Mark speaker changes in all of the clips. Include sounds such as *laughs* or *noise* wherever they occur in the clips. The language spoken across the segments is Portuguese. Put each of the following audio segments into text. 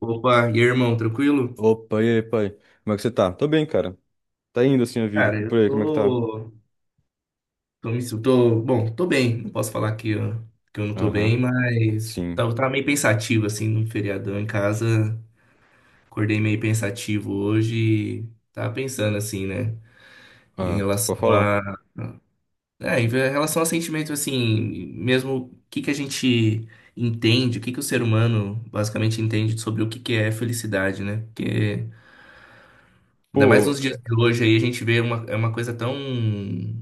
Speaker 1: Opa, e aí, irmão, tranquilo?
Speaker 2: Opa, e aí, pai? Como é que você tá? Tô bem, cara. Tá indo assim a vida.
Speaker 1: Cara,
Speaker 2: E
Speaker 1: eu
Speaker 2: por aí, como é que tá?
Speaker 1: tô, tô, bom, tô bem, não posso falar que eu não tô bem,
Speaker 2: Aham,
Speaker 1: mas
Speaker 2: sim.
Speaker 1: tava, tava meio pensativo, assim, num feriadão em casa, acordei meio pensativo hoje, e tava pensando, assim, né, em
Speaker 2: Ah, pode
Speaker 1: relação
Speaker 2: falar.
Speaker 1: a, em relação a sentimentos, assim, mesmo o que que o ser humano basicamente entende sobre o que que é felicidade, né, porque... Ainda mais
Speaker 2: Pô,
Speaker 1: nos dias de hoje aí, a gente vê uma, é uma coisa tão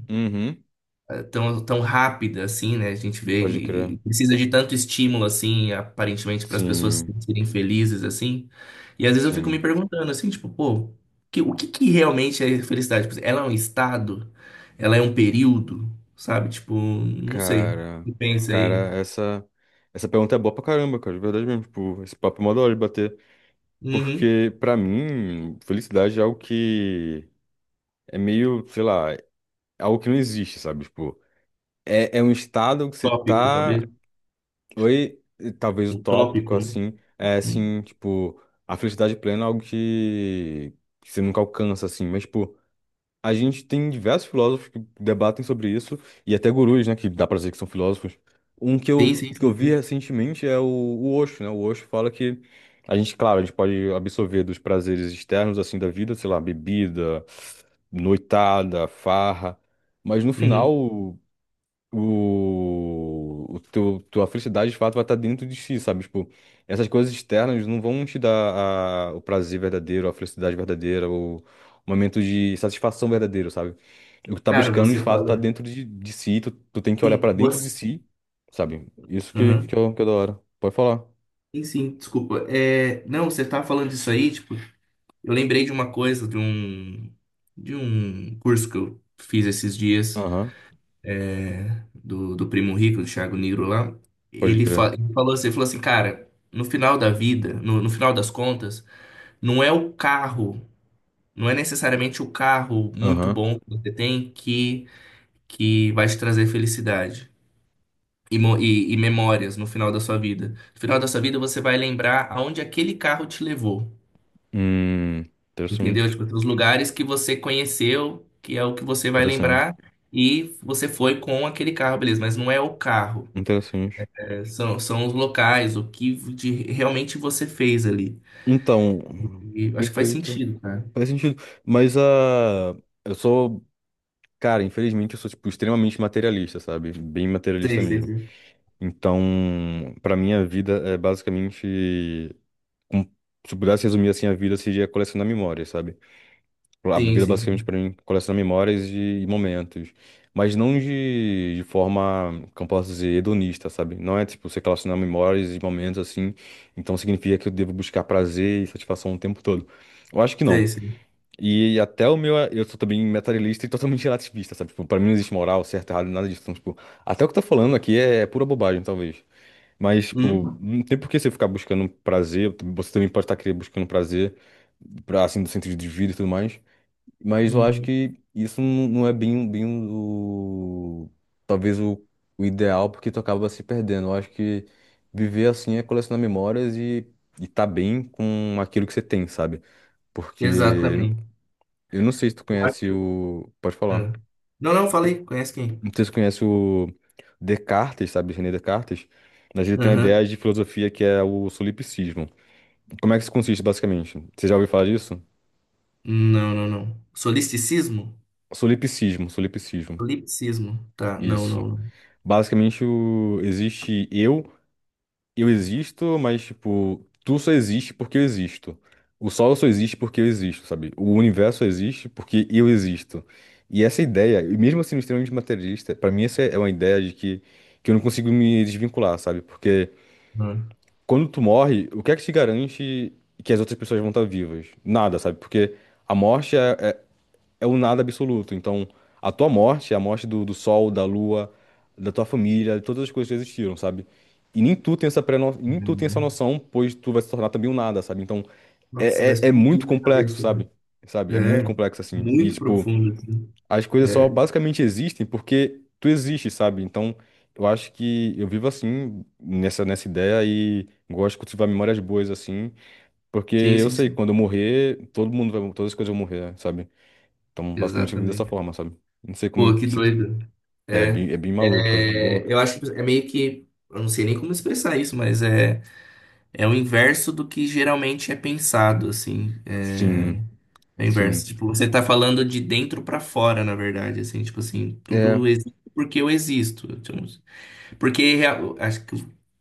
Speaker 2: uhum,
Speaker 1: tão, tão rápida assim, né? A gente vê
Speaker 2: pode crer.
Speaker 1: e precisa de tanto estímulo assim, aparentemente, para as pessoas
Speaker 2: Sim,
Speaker 1: serem felizes assim. E às vezes eu fico me
Speaker 2: sim.
Speaker 1: perguntando assim, tipo, pô, o que que realmente é felicidade? Tipo, ela é um estado? Ela é um período? Sabe? Tipo, não sei.
Speaker 2: Cara,
Speaker 1: Você pensa
Speaker 2: cara,
Speaker 1: aí.
Speaker 2: essa pergunta é boa pra caramba, cara, de verdade mesmo. Tipo, esse papo é mó da hora de bater.
Speaker 1: Uhum.
Speaker 2: Porque, pra mim, felicidade é algo que é meio, sei lá, é algo que não existe, sabe? Tipo, é um estado que você
Speaker 1: Tópico,
Speaker 2: tá.
Speaker 1: talvez.
Speaker 2: Oi, e talvez o
Speaker 1: Um
Speaker 2: tópico,
Speaker 1: tópico, né?
Speaker 2: assim, é
Speaker 1: Hum.
Speaker 2: assim, tipo, a felicidade plena é algo que você nunca alcança, assim, mas, tipo, a gente tem diversos filósofos que debatem sobre isso, e até gurus, né, que dá pra dizer que são filósofos. Um que
Speaker 1: Sim,
Speaker 2: eu,
Speaker 1: sim,
Speaker 2: que eu
Speaker 1: sim,
Speaker 2: vi
Speaker 1: sim.
Speaker 2: recentemente é o Osho, né, o Osho fala que a gente, claro, a gente pode absorver dos prazeres externos, assim, da vida, sei lá, bebida, noitada, farra, mas no
Speaker 1: Uhum.
Speaker 2: final o teu, tua felicidade de fato vai estar dentro de si, sabe? Tipo, essas coisas externas não vão te dar o prazer verdadeiro, a felicidade verdadeira, o momento de satisfação verdadeiro, sabe? O que tá
Speaker 1: Cara,
Speaker 2: buscando de
Speaker 1: você
Speaker 2: fato tá
Speaker 1: fala.
Speaker 2: dentro de si, tu tem que olhar
Speaker 1: Sim,
Speaker 2: pra dentro de
Speaker 1: você.
Speaker 2: si, sabe? Isso que, que,
Speaker 1: Uhum.
Speaker 2: é, o- que é da hora. Pode falar.
Speaker 1: Sim, sim, desculpa. É, não, você tá falando isso aí, tipo, eu lembrei de uma coisa, de um curso que eu fiz esses dias,
Speaker 2: Aham,
Speaker 1: é, do Primo Rico, do Thiago Nigro lá.
Speaker 2: pode
Speaker 1: Ele,
Speaker 2: crer.
Speaker 1: ele falou assim, cara, no final da vida, no final das contas, não é o carro, não é necessariamente o carro muito
Speaker 2: Aham.
Speaker 1: bom que que vai te trazer felicidade. E memórias no final da sua vida. No final da sua vida, você vai lembrar aonde aquele carro te levou.
Speaker 2: Hum,
Speaker 1: Entendeu?
Speaker 2: Interessante,
Speaker 1: Tipo, os lugares que você conheceu, que é o que você vai
Speaker 2: interessante,
Speaker 1: lembrar, e você foi com aquele carro, beleza, mas não é o carro,
Speaker 2: interessante.
Speaker 1: né? São, são os locais, realmente você fez ali.
Speaker 2: Então,
Speaker 1: E eu acho que faz
Speaker 2: perfeito.
Speaker 1: sentido, cara.
Speaker 2: Faz sentido. Mas a. Eu sou. Cara, infelizmente eu sou, tipo, extremamente materialista, sabe? Bem materialista
Speaker 1: Sei, sei,
Speaker 2: mesmo.
Speaker 1: sei.
Speaker 2: Então, pra mim, a vida é basicamente. com- Se eu pudesse resumir assim, a vida seria colecionar memórias, sabe? A
Speaker 1: Sim,
Speaker 2: vida
Speaker 1: sim,
Speaker 2: basicamente
Speaker 1: sim.
Speaker 2: pra mim colecionar memórias e momentos. Mas não de forma, como posso dizer, hedonista, sabe? Não é tipo você colecionar memórias e momentos assim. Então significa que eu devo buscar prazer e satisfação o tempo todo. Eu acho que não.
Speaker 1: Sei, sei.
Speaker 2: E até o meu, eu sou também materialista e totalmente *laughs* relativista, sabe? Tipo, pra mim não existe moral, certo, errado, nada disso. Então, tipo, até o que tá falando aqui é pura bobagem, talvez. Mas, tipo,
Speaker 1: Hum?
Speaker 2: não tem por que você ficar buscando prazer, você também pode estar querendo buscando prazer, pra, assim, do sentido de vida e tudo mais. Mas eu acho
Speaker 1: Hum,
Speaker 2: que isso não é bem o... talvez o ideal, porque tu acaba se perdendo. Eu acho que viver assim é colecionar memórias e tá bem com aquilo que você tem, sabe? Porque
Speaker 1: exatamente.
Speaker 2: eu não sei se tu conhece o. Pode falar.
Speaker 1: Ah. Não, não, falei. Conhece quem?
Speaker 2: Não sei se tu conhece o Descartes, sabe? René Descartes. Mas ele tem uma
Speaker 1: Aham.
Speaker 2: ideia de filosofia que é o solipsismo. Como é que isso consiste, basicamente? Você já ouviu falar disso?
Speaker 1: Não, não, não. Solisticismo?
Speaker 2: Solipsismo, solipsismo.
Speaker 1: Solipsismo. Tá, não,
Speaker 2: Isso.
Speaker 1: não,
Speaker 2: Basicamente, existe eu. Eu existo, mas, tipo, tu só existe porque eu existo. O sol só existe porque eu existo, sabe? O universo só existe porque eu existo. E essa ideia, e mesmo sendo extremamente materialista, pra mim essa é uma ideia de que eu não consigo me desvincular, sabe? Porque
Speaker 1: não.
Speaker 2: quando tu morre, o que é que te garante que as outras pessoas vão estar vivas? Nada, sabe? Porque a morte é, é o nada absoluto. Então, a tua morte, é a morte do, do sol, da lua, da tua família, de todas as coisas que existiram, sabe? E nem tu tem essa
Speaker 1: Não.
Speaker 2: noção, pois tu vai se tornar também um nada, sabe? Então,
Speaker 1: Nossa, vai
Speaker 2: é
Speaker 1: explodir
Speaker 2: muito
Speaker 1: minha
Speaker 2: complexo,
Speaker 1: cabeça.
Speaker 2: sabe? Sabe? É muito
Speaker 1: É,
Speaker 2: complexo, assim. E,
Speaker 1: muito
Speaker 2: tipo,
Speaker 1: profundo, assim.
Speaker 2: as coisas só
Speaker 1: É,
Speaker 2: basicamente existem porque tu existe, sabe? Então, eu acho que eu vivo assim, nessa ideia e gosto de cultivar memórias boas, assim, porque
Speaker 1: sim,
Speaker 2: eu
Speaker 1: sim,
Speaker 2: sei que
Speaker 1: sim,
Speaker 2: quando eu morrer, todo mundo vai, todas as coisas vão morrer, sabe? Então, basicamente, eu vivo dessa
Speaker 1: exatamente.
Speaker 2: forma, sabe? Não sei como
Speaker 1: Pô,
Speaker 2: eu-
Speaker 1: que
Speaker 2: se,
Speaker 1: doido.
Speaker 2: é
Speaker 1: É,
Speaker 2: bem, é bem maluca, bem maluca.
Speaker 1: é, eu acho que é meio que, eu não sei nem como expressar isso, mas é, é o inverso do que geralmente é pensado, assim. É,
Speaker 2: Sim,
Speaker 1: é o inverso.
Speaker 2: sim.
Speaker 1: Tipo, você tá falando de dentro pra fora, na verdade, assim, tipo assim,
Speaker 2: É,
Speaker 1: tudo existe porque eu existo. Tipo, acho que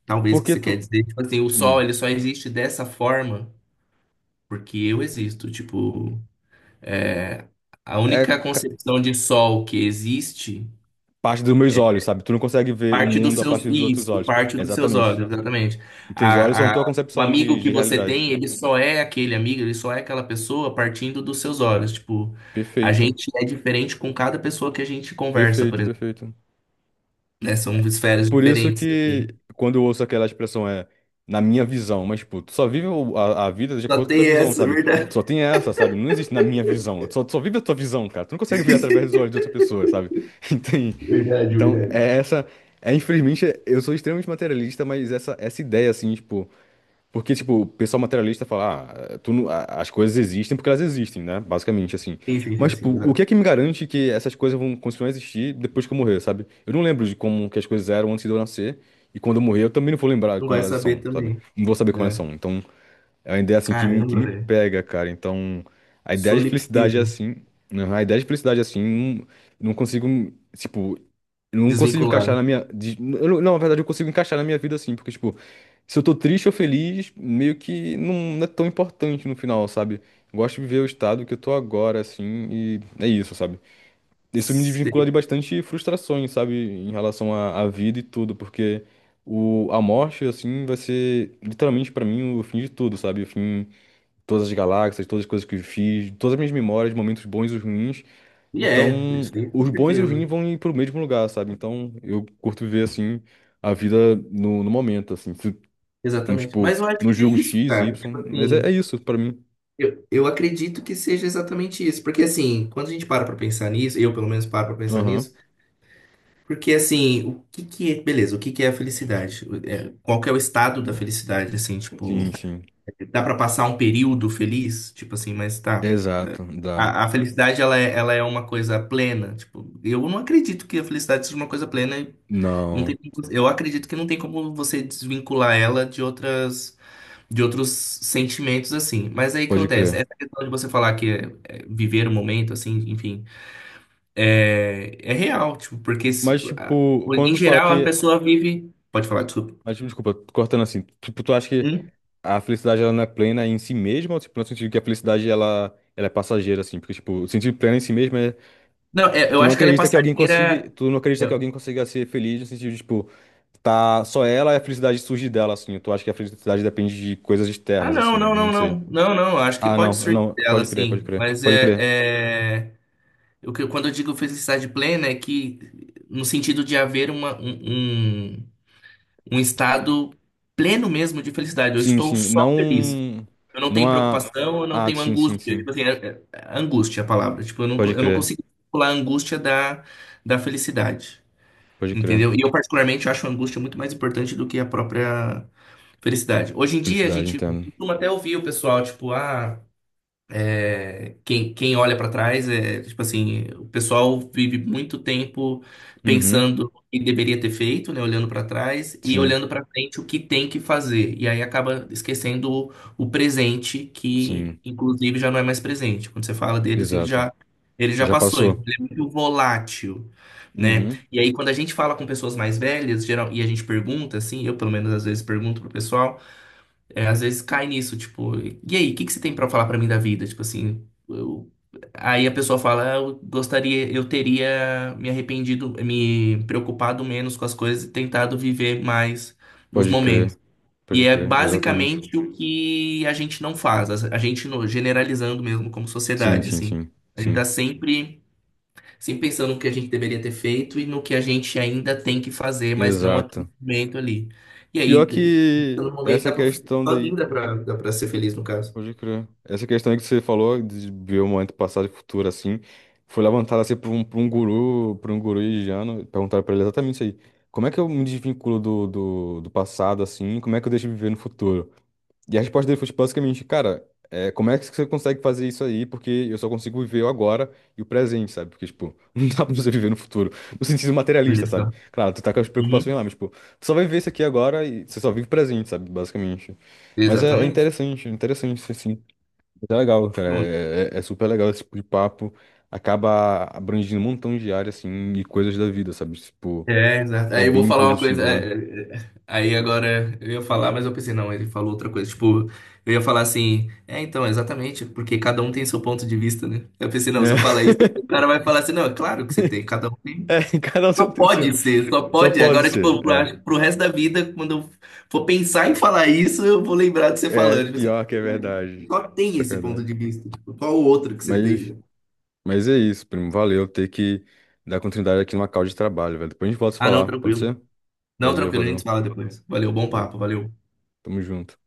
Speaker 1: talvez que
Speaker 2: porque
Speaker 1: você quer
Speaker 2: tu.
Speaker 1: dizer, tipo assim, o sol
Speaker 2: hum,
Speaker 1: ele só existe dessa forma porque eu existo, tipo. A
Speaker 2: é
Speaker 1: única
Speaker 2: ca-
Speaker 1: concepção de sol que existe
Speaker 2: parte dos meus olhos, sabe? Tu não consegue ver o
Speaker 1: parte dos
Speaker 2: mundo a
Speaker 1: seus.
Speaker 2: partir dos outros
Speaker 1: Isso,
Speaker 2: olhos.
Speaker 1: parte dos seus
Speaker 2: Exatamente.
Speaker 1: olhos, exatamente.
Speaker 2: E teus olhos são
Speaker 1: A, a-
Speaker 2: tua
Speaker 1: o
Speaker 2: concepção
Speaker 1: amigo
Speaker 2: de,
Speaker 1: que
Speaker 2: de
Speaker 1: você
Speaker 2: realidade.
Speaker 1: tem, ele só é aquele amigo, ele só é aquela pessoa partindo dos seus olhos. Tipo, a
Speaker 2: Perfeito,
Speaker 1: gente é diferente com cada pessoa que a gente conversa, por
Speaker 2: perfeito,
Speaker 1: exemplo,
Speaker 2: perfeito.
Speaker 1: né? São esferas
Speaker 2: Por isso
Speaker 1: diferentes, assim.
Speaker 2: que quando eu ouço aquela expressão é na minha visão, mas tipo, tu só vive a vida de
Speaker 1: Só
Speaker 2: acordo com a tua
Speaker 1: tem
Speaker 2: visão,
Speaker 1: essa, é
Speaker 2: sabe? Tu
Speaker 1: verdade.
Speaker 2: só tem essa, sabe? Não existe na minha visão. Tu só vive a tua visão, cara. Tu não consegue ver através dos
Speaker 1: *laughs*
Speaker 2: olhos de outra pessoa, sabe? *laughs* Entende?
Speaker 1: Verdade,
Speaker 2: Então,
Speaker 1: verdade.
Speaker 2: é essa. É, infelizmente, eu sou extremamente materialista, mas essa ideia, assim, tipo. Porque, tipo, o pessoal materialista fala, ah, tu não- a- as coisas existem porque elas existem, né? Basicamente, assim.
Speaker 1: Sim, sim,
Speaker 2: Mas,
Speaker 1: sim, sim,
Speaker 2: tipo, o que
Speaker 1: exato.
Speaker 2: é que me garante que essas coisas vão continuar a existir depois que eu morrer, sabe? Eu não lembro de como que as coisas eram antes de eu nascer. E quando eu morrer, eu também não vou lembrar de
Speaker 1: Não
Speaker 2: como
Speaker 1: vai
Speaker 2: elas são,
Speaker 1: saber
Speaker 2: sabe?
Speaker 1: também,
Speaker 2: Não vou saber como elas
Speaker 1: né?
Speaker 2: são. Então, é uma ideia assim que me, que
Speaker 1: Caramba,
Speaker 2: me
Speaker 1: velho.
Speaker 2: pega, cara. Então, a ideia de felicidade é
Speaker 1: Solipsismo.
Speaker 2: assim. Né? A ideia de felicidade é assim. Não, não consigo, tipo, não consigo encaixar
Speaker 1: Desvinculado.
Speaker 2: na minha. Eu não, não, na verdade, eu consigo encaixar na minha vida assim, porque, tipo, se eu tô triste ou feliz, meio que não, não é tão importante no final, sabe? Eu gosto de viver o estado que eu tô agora, assim, e é isso, sabe? Isso me desvincula de bastante frustrações, sabe, em relação à vida e tudo, porque a morte, assim, vai ser literalmente pra mim o fim de tudo, sabe? O fim de todas as galáxias, todas as coisas que eu fiz, todas as minhas memórias, momentos bons e os ruins.
Speaker 1: E é,
Speaker 2: Então,
Speaker 1: isso aí com
Speaker 2: os bons e os ruins
Speaker 1: certeza.
Speaker 2: vão ir pro mesmo lugar, sabe? Então, eu curto ver, assim, a vida no momento, assim, como,
Speaker 1: Exatamente.
Speaker 2: tipo,
Speaker 1: Mas eu acho
Speaker 2: não
Speaker 1: que é
Speaker 2: julgo
Speaker 1: isso,
Speaker 2: X e
Speaker 1: cara. Tipo
Speaker 2: Y, mas é, é
Speaker 1: assim,
Speaker 2: isso pra mim.
Speaker 1: eu acredito que seja exatamente isso. Porque assim, quando a gente para pra pensar nisso, eu pelo menos paro pra pensar
Speaker 2: Aham,
Speaker 1: nisso, porque assim, o que que é, beleza, o que que é a felicidade? É, qual que é o estado da felicidade, assim, tipo,
Speaker 2: sim, sim.
Speaker 1: dá pra passar um período feliz? Tipo assim, mas tá.
Speaker 2: Exato, dá.
Speaker 1: A felicidade, ela é uma coisa plena. Tipo, eu não acredito que a felicidade seja uma coisa plena. Não tem,
Speaker 2: Não,
Speaker 1: eu acredito que não tem como você desvincular ela de outros sentimentos assim. Mas aí o que
Speaker 2: pode
Speaker 1: acontece? Essa
Speaker 2: crer.
Speaker 1: questão de você falar é, viver o momento, assim, enfim, é, é real, tipo, porque se-
Speaker 2: Mas,
Speaker 1: a-
Speaker 2: tipo, quando
Speaker 1: em
Speaker 2: tu fala
Speaker 1: geral a
Speaker 2: que.
Speaker 1: pessoa vive. Pode falar, desculpa.
Speaker 2: Mas, tipo, desculpa, tô cortando assim. Tipo, tu acha que
Speaker 1: Hum?
Speaker 2: a felicidade ela não é plena em si mesma? Ou, tipo, no sentido que a felicidade ela, ela é passageira, assim? Porque, tipo, o sentido pleno em si mesmo é.
Speaker 1: Não, é, eu
Speaker 2: Tu não
Speaker 1: acho que ela é
Speaker 2: acredita que alguém consiga.
Speaker 1: passageira.
Speaker 2: Tu não acredita que
Speaker 1: eu-
Speaker 2: alguém consiga ser feliz no sentido de, tipo, tá só ela e a felicidade surge dela, assim. Tu acha que a felicidade depende de coisas
Speaker 1: Ah,
Speaker 2: externas, assim?
Speaker 1: não, não,
Speaker 2: Não
Speaker 1: não, não.
Speaker 2: sei.
Speaker 1: Não, não, acho que
Speaker 2: Ah, não,
Speaker 1: pode surgir
Speaker 2: não.
Speaker 1: dela,
Speaker 2: Pode crer, pode
Speaker 1: assim.
Speaker 2: crer.
Speaker 1: Mas
Speaker 2: Pode crer.
Speaker 1: é, é... O que, quando eu digo felicidade plena é que no sentido de haver um um estado pleno mesmo de felicidade. Eu
Speaker 2: Sim,
Speaker 1: estou
Speaker 2: sim.
Speaker 1: só feliz.
Speaker 2: Não.
Speaker 1: Eu não
Speaker 2: Não
Speaker 1: tenho
Speaker 2: há.
Speaker 1: preocupação, eu não
Speaker 2: Ah,
Speaker 1: tenho
Speaker 2: sim, sim,
Speaker 1: angústia.
Speaker 2: sim.
Speaker 1: Tipo assim, angústia é a palavra. Tipo,
Speaker 2: Pode
Speaker 1: eu não
Speaker 2: crer,
Speaker 1: consigo pular a angústia da felicidade.
Speaker 2: pode crer.
Speaker 1: Entendeu? E eu, particularmente, acho a angústia muito mais importante do que a própria felicidade. Hoje em dia, a
Speaker 2: Felicidade,
Speaker 1: gente
Speaker 2: entendo.
Speaker 1: costuma até ouvir o pessoal, tipo, ah. É, quem, quem olha para trás é tipo assim, o pessoal vive muito tempo
Speaker 2: Uhum.
Speaker 1: pensando o que deveria ter feito, né, olhando para trás e
Speaker 2: Sim,
Speaker 1: olhando para frente o que tem que fazer. E aí acaba esquecendo o presente, que
Speaker 2: sim,
Speaker 1: inclusive já não é mais presente. Quando você fala deles,
Speaker 2: exato.
Speaker 1: ele já
Speaker 2: Já
Speaker 1: passou, então
Speaker 2: passou.
Speaker 1: ele é muito volátil, né?
Speaker 2: Uhum.
Speaker 1: E aí quando a gente fala com pessoas mais velhas, geral, e a gente pergunta assim, eu pelo menos às vezes pergunto pro pessoal é, às vezes cai nisso, tipo, e aí, o que que você tem pra falar pra mim da vida? Tipo assim, aí a pessoa fala, "Ah, eu gostaria, eu teria me arrependido, me preocupado menos com as coisas e tentado viver mais os
Speaker 2: Pode crer,
Speaker 1: momentos." E
Speaker 2: pode
Speaker 1: é
Speaker 2: crer, exatamente.
Speaker 1: basicamente o que a gente não faz, a gente generalizando mesmo como
Speaker 2: Sim,
Speaker 1: sociedade,
Speaker 2: sim,
Speaker 1: assim.
Speaker 2: sim,
Speaker 1: A gente tá
Speaker 2: sim,
Speaker 1: sempre sim, pensando no que a gente deveria ter feito e no que a gente ainda tem que fazer, mas não aquele
Speaker 2: exato.
Speaker 1: momento ali. E
Speaker 2: Pior
Speaker 1: aí,
Speaker 2: que
Speaker 1: no momento,
Speaker 2: essa
Speaker 1: dá pra,
Speaker 2: questão
Speaker 1: sozinho
Speaker 2: daí,
Speaker 1: dá pra ser feliz, no caso.
Speaker 2: pode crer, essa questão aí que você falou de ver o momento passado e futuro assim, foi levantada assim por um, guru, por um guru indiano, perguntaram pra ele exatamente isso aí. Como é que eu me desvinculo do passado assim, como é que eu deixo de viver no futuro? E a resposta dele foi tipo, basicamente, cara, é, como é que você consegue fazer isso aí? Porque eu só consigo viver o agora e o presente, sabe? Porque, tipo, *laughs* não dá pra você viver no futuro. No sentido materialista,
Speaker 1: Olha
Speaker 2: sabe?
Speaker 1: só.
Speaker 2: Claro, tu tá com as
Speaker 1: Uhum.
Speaker 2: preocupações lá, mas, tipo, tu só vai viver isso aqui agora e você só vive o presente, sabe? Basicamente. Mas é
Speaker 1: Exatamente.
Speaker 2: interessante, é interessante, assim. É legal, cara.
Speaker 1: Bom,
Speaker 2: É super legal esse tipo de papo. Acaba abrangindo um montão de áreas, assim, e coisas da vida, sabe? Tipo,
Speaker 1: é, exato.
Speaker 2: é
Speaker 1: Aí eu vou
Speaker 2: bem
Speaker 1: falar uma coisa,
Speaker 2: produtivo, né?
Speaker 1: é, é, é, aí agora eu ia falar, mas eu pensei, não, ele falou outra coisa. Tipo, eu ia falar assim, é, então, exatamente, porque cada um tem seu ponto de vista, né? Eu pensei, não, se eu falar
Speaker 2: *laughs*
Speaker 1: isso, o cara vai falar assim, não, é claro que você tem, cada um
Speaker 2: É,
Speaker 1: tem.
Speaker 2: é, cada um
Speaker 1: Só
Speaker 2: tem o seu.
Speaker 1: pode ser, só
Speaker 2: Só
Speaker 1: pode.
Speaker 2: pode
Speaker 1: Agora,
Speaker 2: ser.
Speaker 1: tipo, pro,
Speaker 2: É.
Speaker 1: acho que pro resto da vida, quando eu for pensar em falar isso, eu vou lembrar de você
Speaker 2: É,
Speaker 1: falando. Tipo, assim,
Speaker 2: pior que é
Speaker 1: cara,
Speaker 2: verdade.
Speaker 1: qual tem
Speaker 2: Pior que
Speaker 1: esse
Speaker 2: é
Speaker 1: ponto
Speaker 2: verdade.
Speaker 1: de vista? Tipo, qual o outro que você
Speaker 2: Mas,
Speaker 1: tem?
Speaker 2: mas é isso, primo. Valeu ter que dar continuidade aqui numa call de trabalho, velho. Depois a gente volta a se
Speaker 1: Ah, não,
Speaker 2: falar, pode
Speaker 1: tranquilo.
Speaker 2: ser?
Speaker 1: Não,
Speaker 2: Valeu,
Speaker 1: tranquilo, a gente
Speaker 2: valeu.
Speaker 1: fala depois. Valeu, bom
Speaker 2: Valeu.
Speaker 1: papo, valeu.
Speaker 2: Tamo junto.